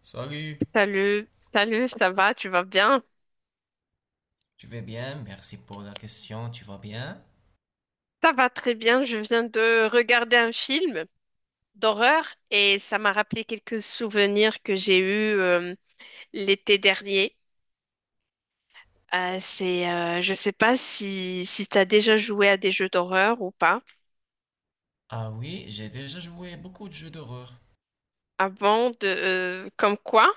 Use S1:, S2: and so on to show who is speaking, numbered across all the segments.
S1: Salut.
S2: Salut, salut, ça va, tu vas bien?
S1: Tu vas bien? Merci pour la question. Tu vas bien?
S2: Ça va très bien, je viens de regarder un film d'horreur et ça m'a rappelé quelques souvenirs que j'ai eus l'été dernier. Je sais pas si, si tu as déjà joué à des jeux d'horreur ou pas.
S1: Ah oui, j'ai déjà joué beaucoup de jeux d'horreur.
S2: Avant de, comme quoi?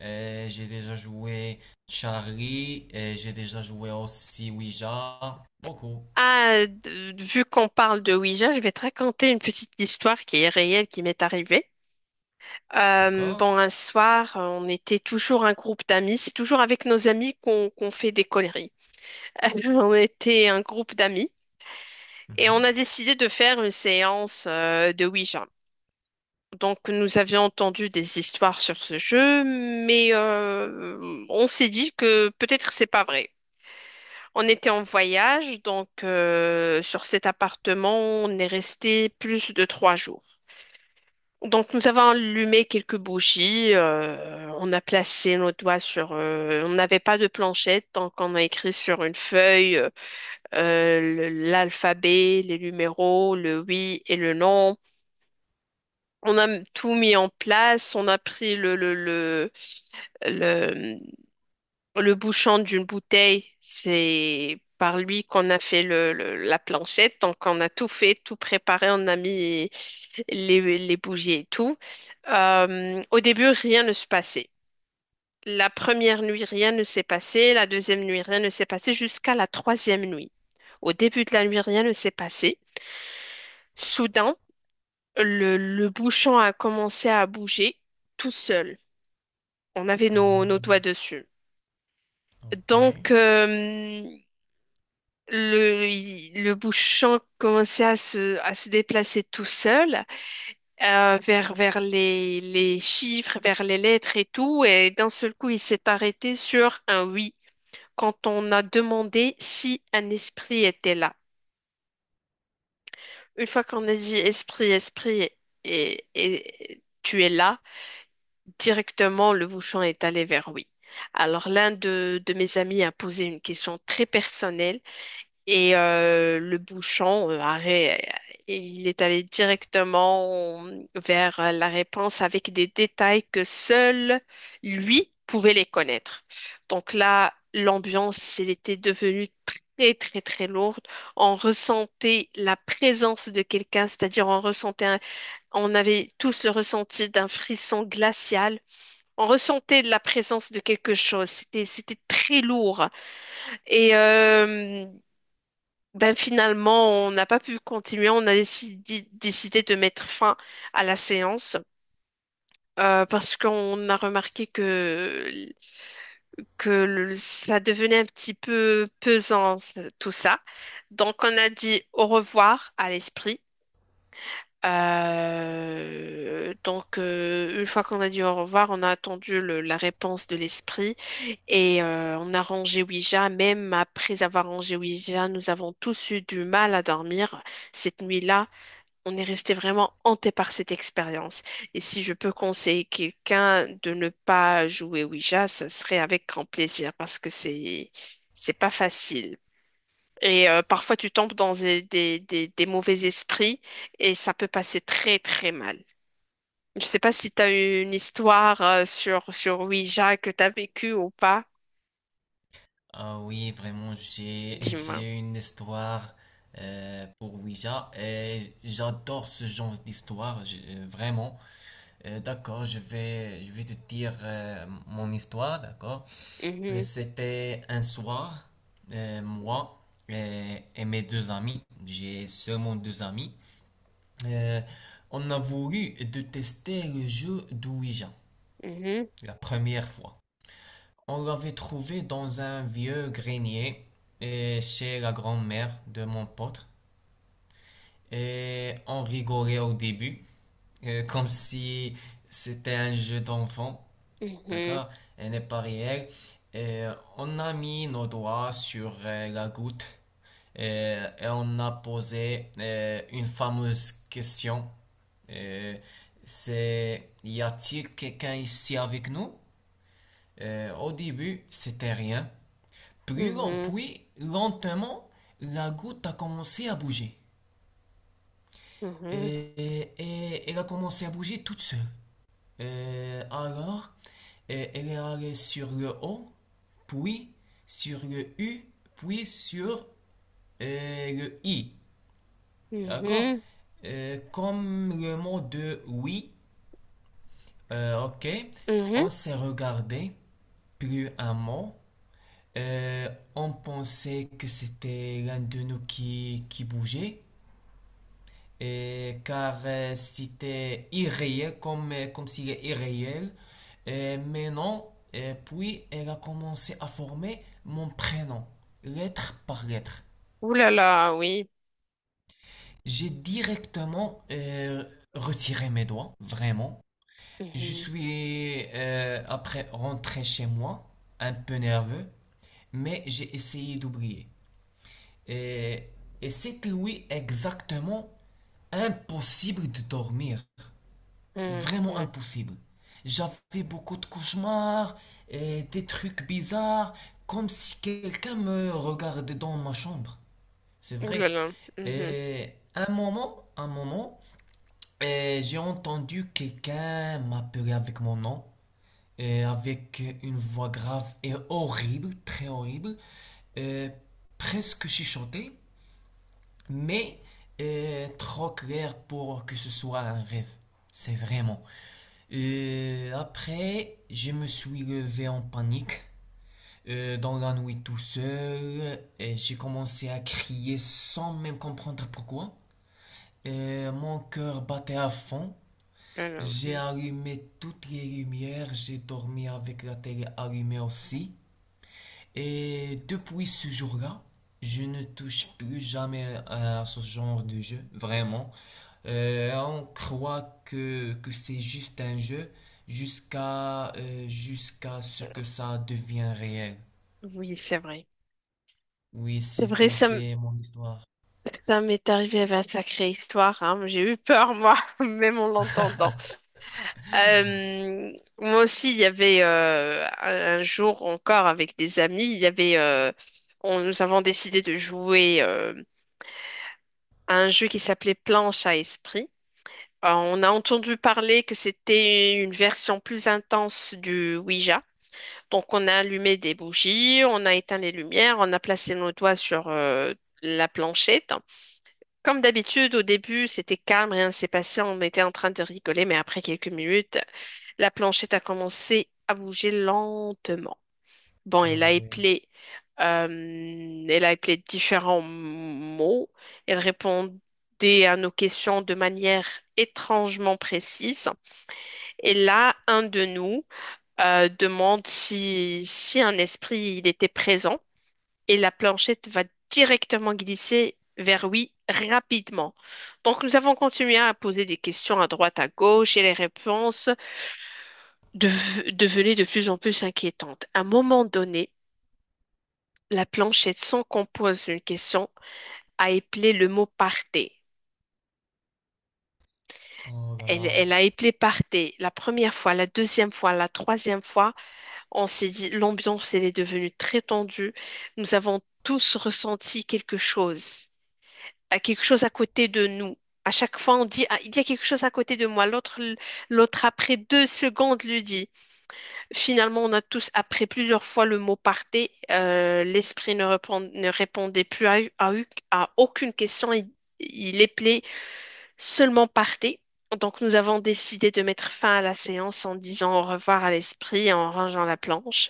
S1: J'ai déjà joué Charlie, et j'ai déjà joué aussi Ouija. Beaucoup.
S2: Ah, vu qu'on parle de Ouija, je vais te raconter une petite histoire qui est réelle, qui m'est arrivée.
S1: D'accord?
S2: Bon, un soir, on était toujours un groupe d'amis. C'est toujours avec nos amis qu'on fait des conneries. On était un groupe d'amis et on
S1: Mhm.
S2: a décidé de faire une séance de Ouija. Donc, nous avions entendu des histoires sur ce jeu, mais on s'est dit que peut-être c'est pas vrai. On était en voyage, donc sur cet appartement, on est resté plus de 3 jours. Donc, nous avons allumé quelques bougies, on a placé nos doigts sur. On n'avait pas de planchette, donc on a écrit sur une feuille l'alphabet, les numéros, le oui et le non. On a tout mis en place, on a pris le le bouchon d'une bouteille, c'est par lui qu'on a fait la planchette. Donc, on a tout fait, tout préparé, on a mis les bougies et tout. Au début, rien ne se passait. La première nuit, rien ne s'est passé. La deuxième nuit, rien ne s'est passé jusqu'à la troisième nuit. Au début de la nuit, rien ne s'est passé. Soudain, le bouchon a commencé à bouger tout seul. On avait nos
S1: Ah,
S2: doigts dessus.
S1: ok.
S2: Donc, le bouchon commençait à à se déplacer tout seul vers les chiffres, vers les lettres et tout. Et d'un seul coup, il s'est arrêté sur un oui quand on a demandé si un esprit était là. Une fois qu'on a dit esprit et tu es là, directement le bouchon est allé vers oui. Alors l'un de mes amis a posé une question très personnelle. Et le bouchon, il est allé directement vers la réponse avec des détails que seul lui pouvait les connaître. Donc là, l'ambiance, elle était devenue très, très, très lourde. On ressentait la présence de quelqu'un, c'est-à-dire on ressentait, on avait tous le ressenti d'un frisson glacial. On ressentait la présence de quelque chose. C'était très lourd. Et ben finalement, on n'a pas pu continuer. On a décidé de mettre fin à la séance parce qu'on a remarqué que ça devenait un petit peu pesant, tout ça. Donc, on a dit au revoir à l'esprit une fois qu'on a dit au revoir, on a attendu la réponse de l'esprit et on a rangé Ouija. Même après avoir rangé Ouija, nous avons tous eu du mal à dormir cette nuit-là. On est resté vraiment hanté par cette expérience. Et si je peux conseiller quelqu'un de ne pas jouer Ouija, ce serait avec grand plaisir parce que c'est pas facile. Et parfois, tu tombes dans des mauvais esprits et ça peut passer très, très mal. Je sais pas si tu as eu une histoire sur Ouija que tu as vécue ou pas.
S1: Ah oui, vraiment, j'ai
S2: Dis-moi.
S1: j'ai une histoire pour Ouija et j'adore ce genre d'histoire, vraiment. D'accord, je vais te dire mon histoire, d'accord? Et
S2: Mhm,
S1: c'était un soir, moi et mes deux amis, j'ai seulement deux amis, euh, on a voulu de tester le jeu d'Ouija
S2: mhm,
S1: la première fois. On l'avait trouvé dans un vieux grenier chez la grand-mère de mon pote et on rigolait au début comme si c'était un jeu d'enfant.
S2: mhm,
S1: D'accord? Elle n'est pas réelle. Et on a mis nos doigts sur la goutte et on a posé une fameuse question. Euh, c'est y a-t-il quelqu'un ici avec nous? Au début, c'était rien. Puis,
S2: mhm,
S1: puis, lentement, la goutte a commencé à bouger. Et, et elle a commencé à bouger toute seule. Alors, elle est allée sur le O, puis sur le U, puis sur le I.
S2: mhm,
S1: D'accord?
S2: mhm,
S1: Comme le mot de oui, ok,
S2: mhm.
S1: on s'est regardé, plus un mot. Euh, on pensait que c'était l'un de nous qui bougeait. Et car c'était irréel, comme, comme s'il est irréel. Mais non, et puis elle a commencé à former mon prénom, lettre par lettre.
S2: Ouh là là, oui.
S1: J'ai directement retiré mes doigts, vraiment. Je
S2: Mhm,
S1: suis après rentré chez moi, un peu nerveux, mais j'ai essayé d'oublier. Et, et c'était oui exactement impossible de dormir. Vraiment
S2: mhm.
S1: impossible. J'avais beaucoup de cauchemars et des trucs bizarres, comme si quelqu'un me regardait dans ma chambre. C'est
S2: Ouh là
S1: vrai.
S2: là. Mhm,
S1: Et un moment, et j'ai entendu quelqu'un m'appeler avec mon nom, et avec une voix grave et horrible, très horrible, et presque chuchotée mais trop clair pour que ce soit un rêve. C'est vraiment. Après, je me suis levé en panique dans la nuit tout seul, j'ai commencé à crier sans même comprendre pourquoi. Et mon cœur battait à fond.
S2: là là,
S1: J'ai
S2: mhm.
S1: allumé toutes les lumières, j'ai dormi avec la télé allumée aussi. Et depuis ce jour-là, je ne touche plus jamais à ce genre de jeu, vraiment. On croit que c'est juste un jeu jusqu'à ce que ça devienne réel.
S2: Oui, c'est vrai.
S1: Oui,
S2: C'est
S1: c'est
S2: vrai,
S1: tout, c'est mon histoire.
S2: ça m'est arrivé avec un sacré histoire, hein. J'ai eu peur, moi, même en l'entendant. Euh, Moi aussi, il y avait un jour encore avec des amis, il y avait, nous avons décidé de jouer à un jeu qui s'appelait Planche à esprit. On a entendu parler que c'était une version plus intense du Ouija. Donc, on a allumé des bougies, on a éteint les lumières, on a placé nos doigts sur la planchette. Comme d'habitude, au début, c'était calme, rien ne s'est passé, on était en train de rigoler, mais après quelques minutes, la planchette a commencé à bouger lentement. Bon,
S1: Ah oui.
S2: elle a appelé différents mots. Elle répondait à nos questions de manière étrangement précise. Et là, un de nous demande si un esprit il était présent et la planchette va directement glisser vers oui rapidement. Donc nous avons continué à poser des questions à droite, à gauche et les réponses de devenaient de plus en plus inquiétantes. À un moment donné, la planchette, sans qu'on pose une question, a éplé le mot partez.
S1: Oh là là.
S2: Elle a éplé partez la première fois, la deuxième fois, la troisième fois. On s'est dit, l'ambiance, elle est devenue très tendue. Nous avons tous ressenti quelque chose à côté de nous. À chaque fois, on dit, ah, il y a quelque chose à côté de moi. L'autre, après 2 secondes, le dit. Finalement, on a tous, après plusieurs fois le mot partez, l'esprit ne répondait plus à, à aucune question. Il appelait seulement partez. Donc, nous avons décidé de mettre fin à la séance en disant au revoir à l'esprit et en rangeant la planche.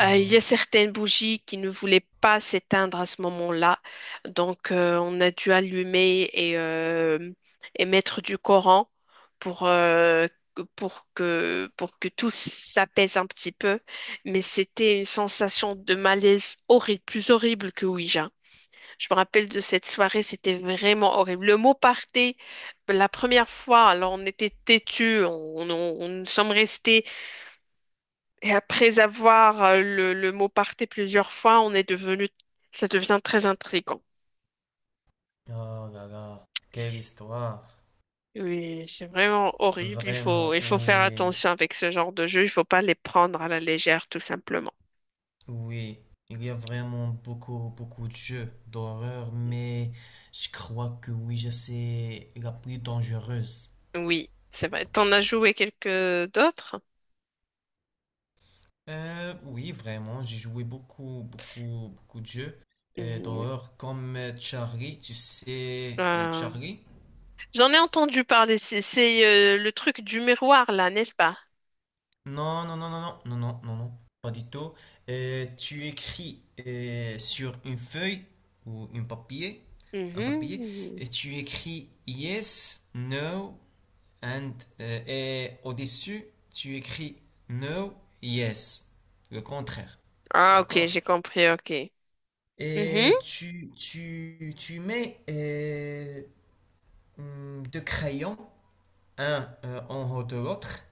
S2: Il y
S1: Oh,
S2: a certaines bougies qui ne voulaient pas s'éteindre à ce moment-là, donc on a dû allumer et mettre du Coran pour, pour que tout s'apaise un petit peu. Mais c'était une sensation de malaise horrible, plus horrible que Ouija. Je me rappelle de cette soirée, c'était vraiment horrible. Le mot party, la première fois, alors on était têtus, on nous sommes restés et après avoir le mot parté plusieurs fois, on est devenu, ça devient très intriguant.
S1: oh là là. Quelle histoire.
S2: Oui, c'est vraiment horrible.
S1: Vraiment,
S2: Il faut faire
S1: oui.
S2: attention avec ce genre de jeu. Il faut pas les prendre à la légère, tout simplement.
S1: Oui, il y a vraiment beaucoup, beaucoup de jeux d'horreur, mais je crois que Ouija, c'est la plus dangereuse.
S2: Oui, c'est vrai. T'en as joué quelques d'autres?
S1: Oui, vraiment, j'ai joué beaucoup, beaucoup, beaucoup de jeux
S2: Mhm.
S1: d'horreur, comme Charlie, tu sais,
S2: Euh,
S1: Charlie?
S2: J'en ai entendu parler. C'est le truc du miroir, là, n'est-ce pas?
S1: Non, non, non, non, non, non, non, non, non, pas du tout. Tu écris sur une feuille ou un papier,
S2: Mhm.
S1: et tu écris yes, no and, et au-dessus, tu écris no, yes, le contraire.
S2: Ah, ok,
S1: D'accord?
S2: j'ai compris, ok. Mhm.
S1: Et tu mets deux crayons, un en haut de l'autre,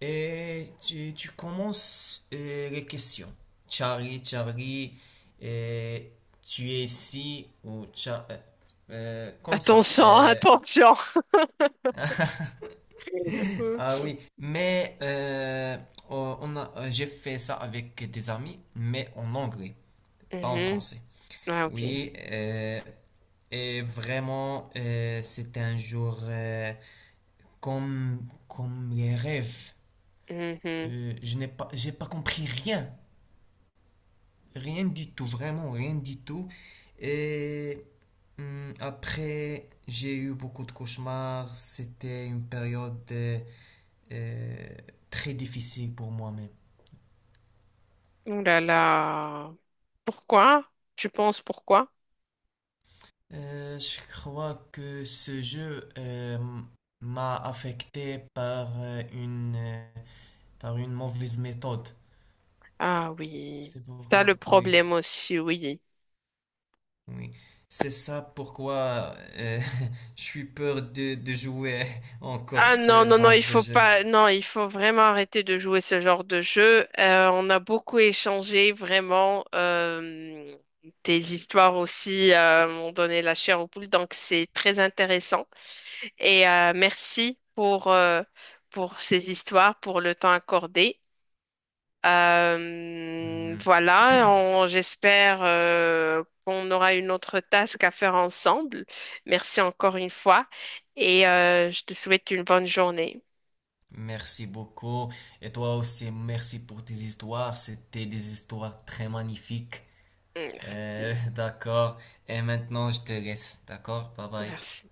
S1: et tu commences les questions. Charlie, Charlie, euh, tu es ici, ou comme ça.
S2: Attention, attention.
S1: Ah oui, mais j'ai fait ça avec des amis, mais en anglais, pas en
S2: Mhm.
S1: français.
S2: Ah, ok.
S1: Oui, et vraiment, c'était un jour comme, comme les rêves.
S2: Mhm.
S1: Je n'ai pas, j'ai pas compris rien, rien du tout, vraiment rien du tout. Et après, j'ai eu beaucoup de cauchemars. C'était une période euh, très difficile pour moi-même.
S2: Oh là là. Pourquoi? Tu penses pourquoi?
S1: Je crois que ce jeu m'a affecté par par une mauvaise méthode.
S2: Ah oui.
S1: C'est
S2: T'as
S1: pourquoi,
S2: le
S1: oui,
S2: problème aussi, oui.
S1: oui. C'est ça pourquoi je suis peur de jouer encore
S2: Ah non,
S1: ce
S2: non, non,
S1: genre
S2: il
S1: de
S2: faut
S1: jeu.
S2: pas, non, il faut vraiment arrêter de jouer ce genre de jeu. On a beaucoup échangé, vraiment, tes histoires aussi m'ont donné la chair aux poules, donc c'est très intéressant. Et merci pour ces histoires, pour le temps accordé.
S1: Mhm.
S2: Voilà, j'espère qu'on aura une autre task à faire ensemble. Merci encore une fois et je te souhaite une bonne journée.
S1: Merci beaucoup. Et toi aussi, merci pour tes histoires. C'était des histoires très magnifiques.
S2: Merci.
S1: D'accord. Et maintenant, je te laisse. D'accord? Bye bye.
S2: Merci.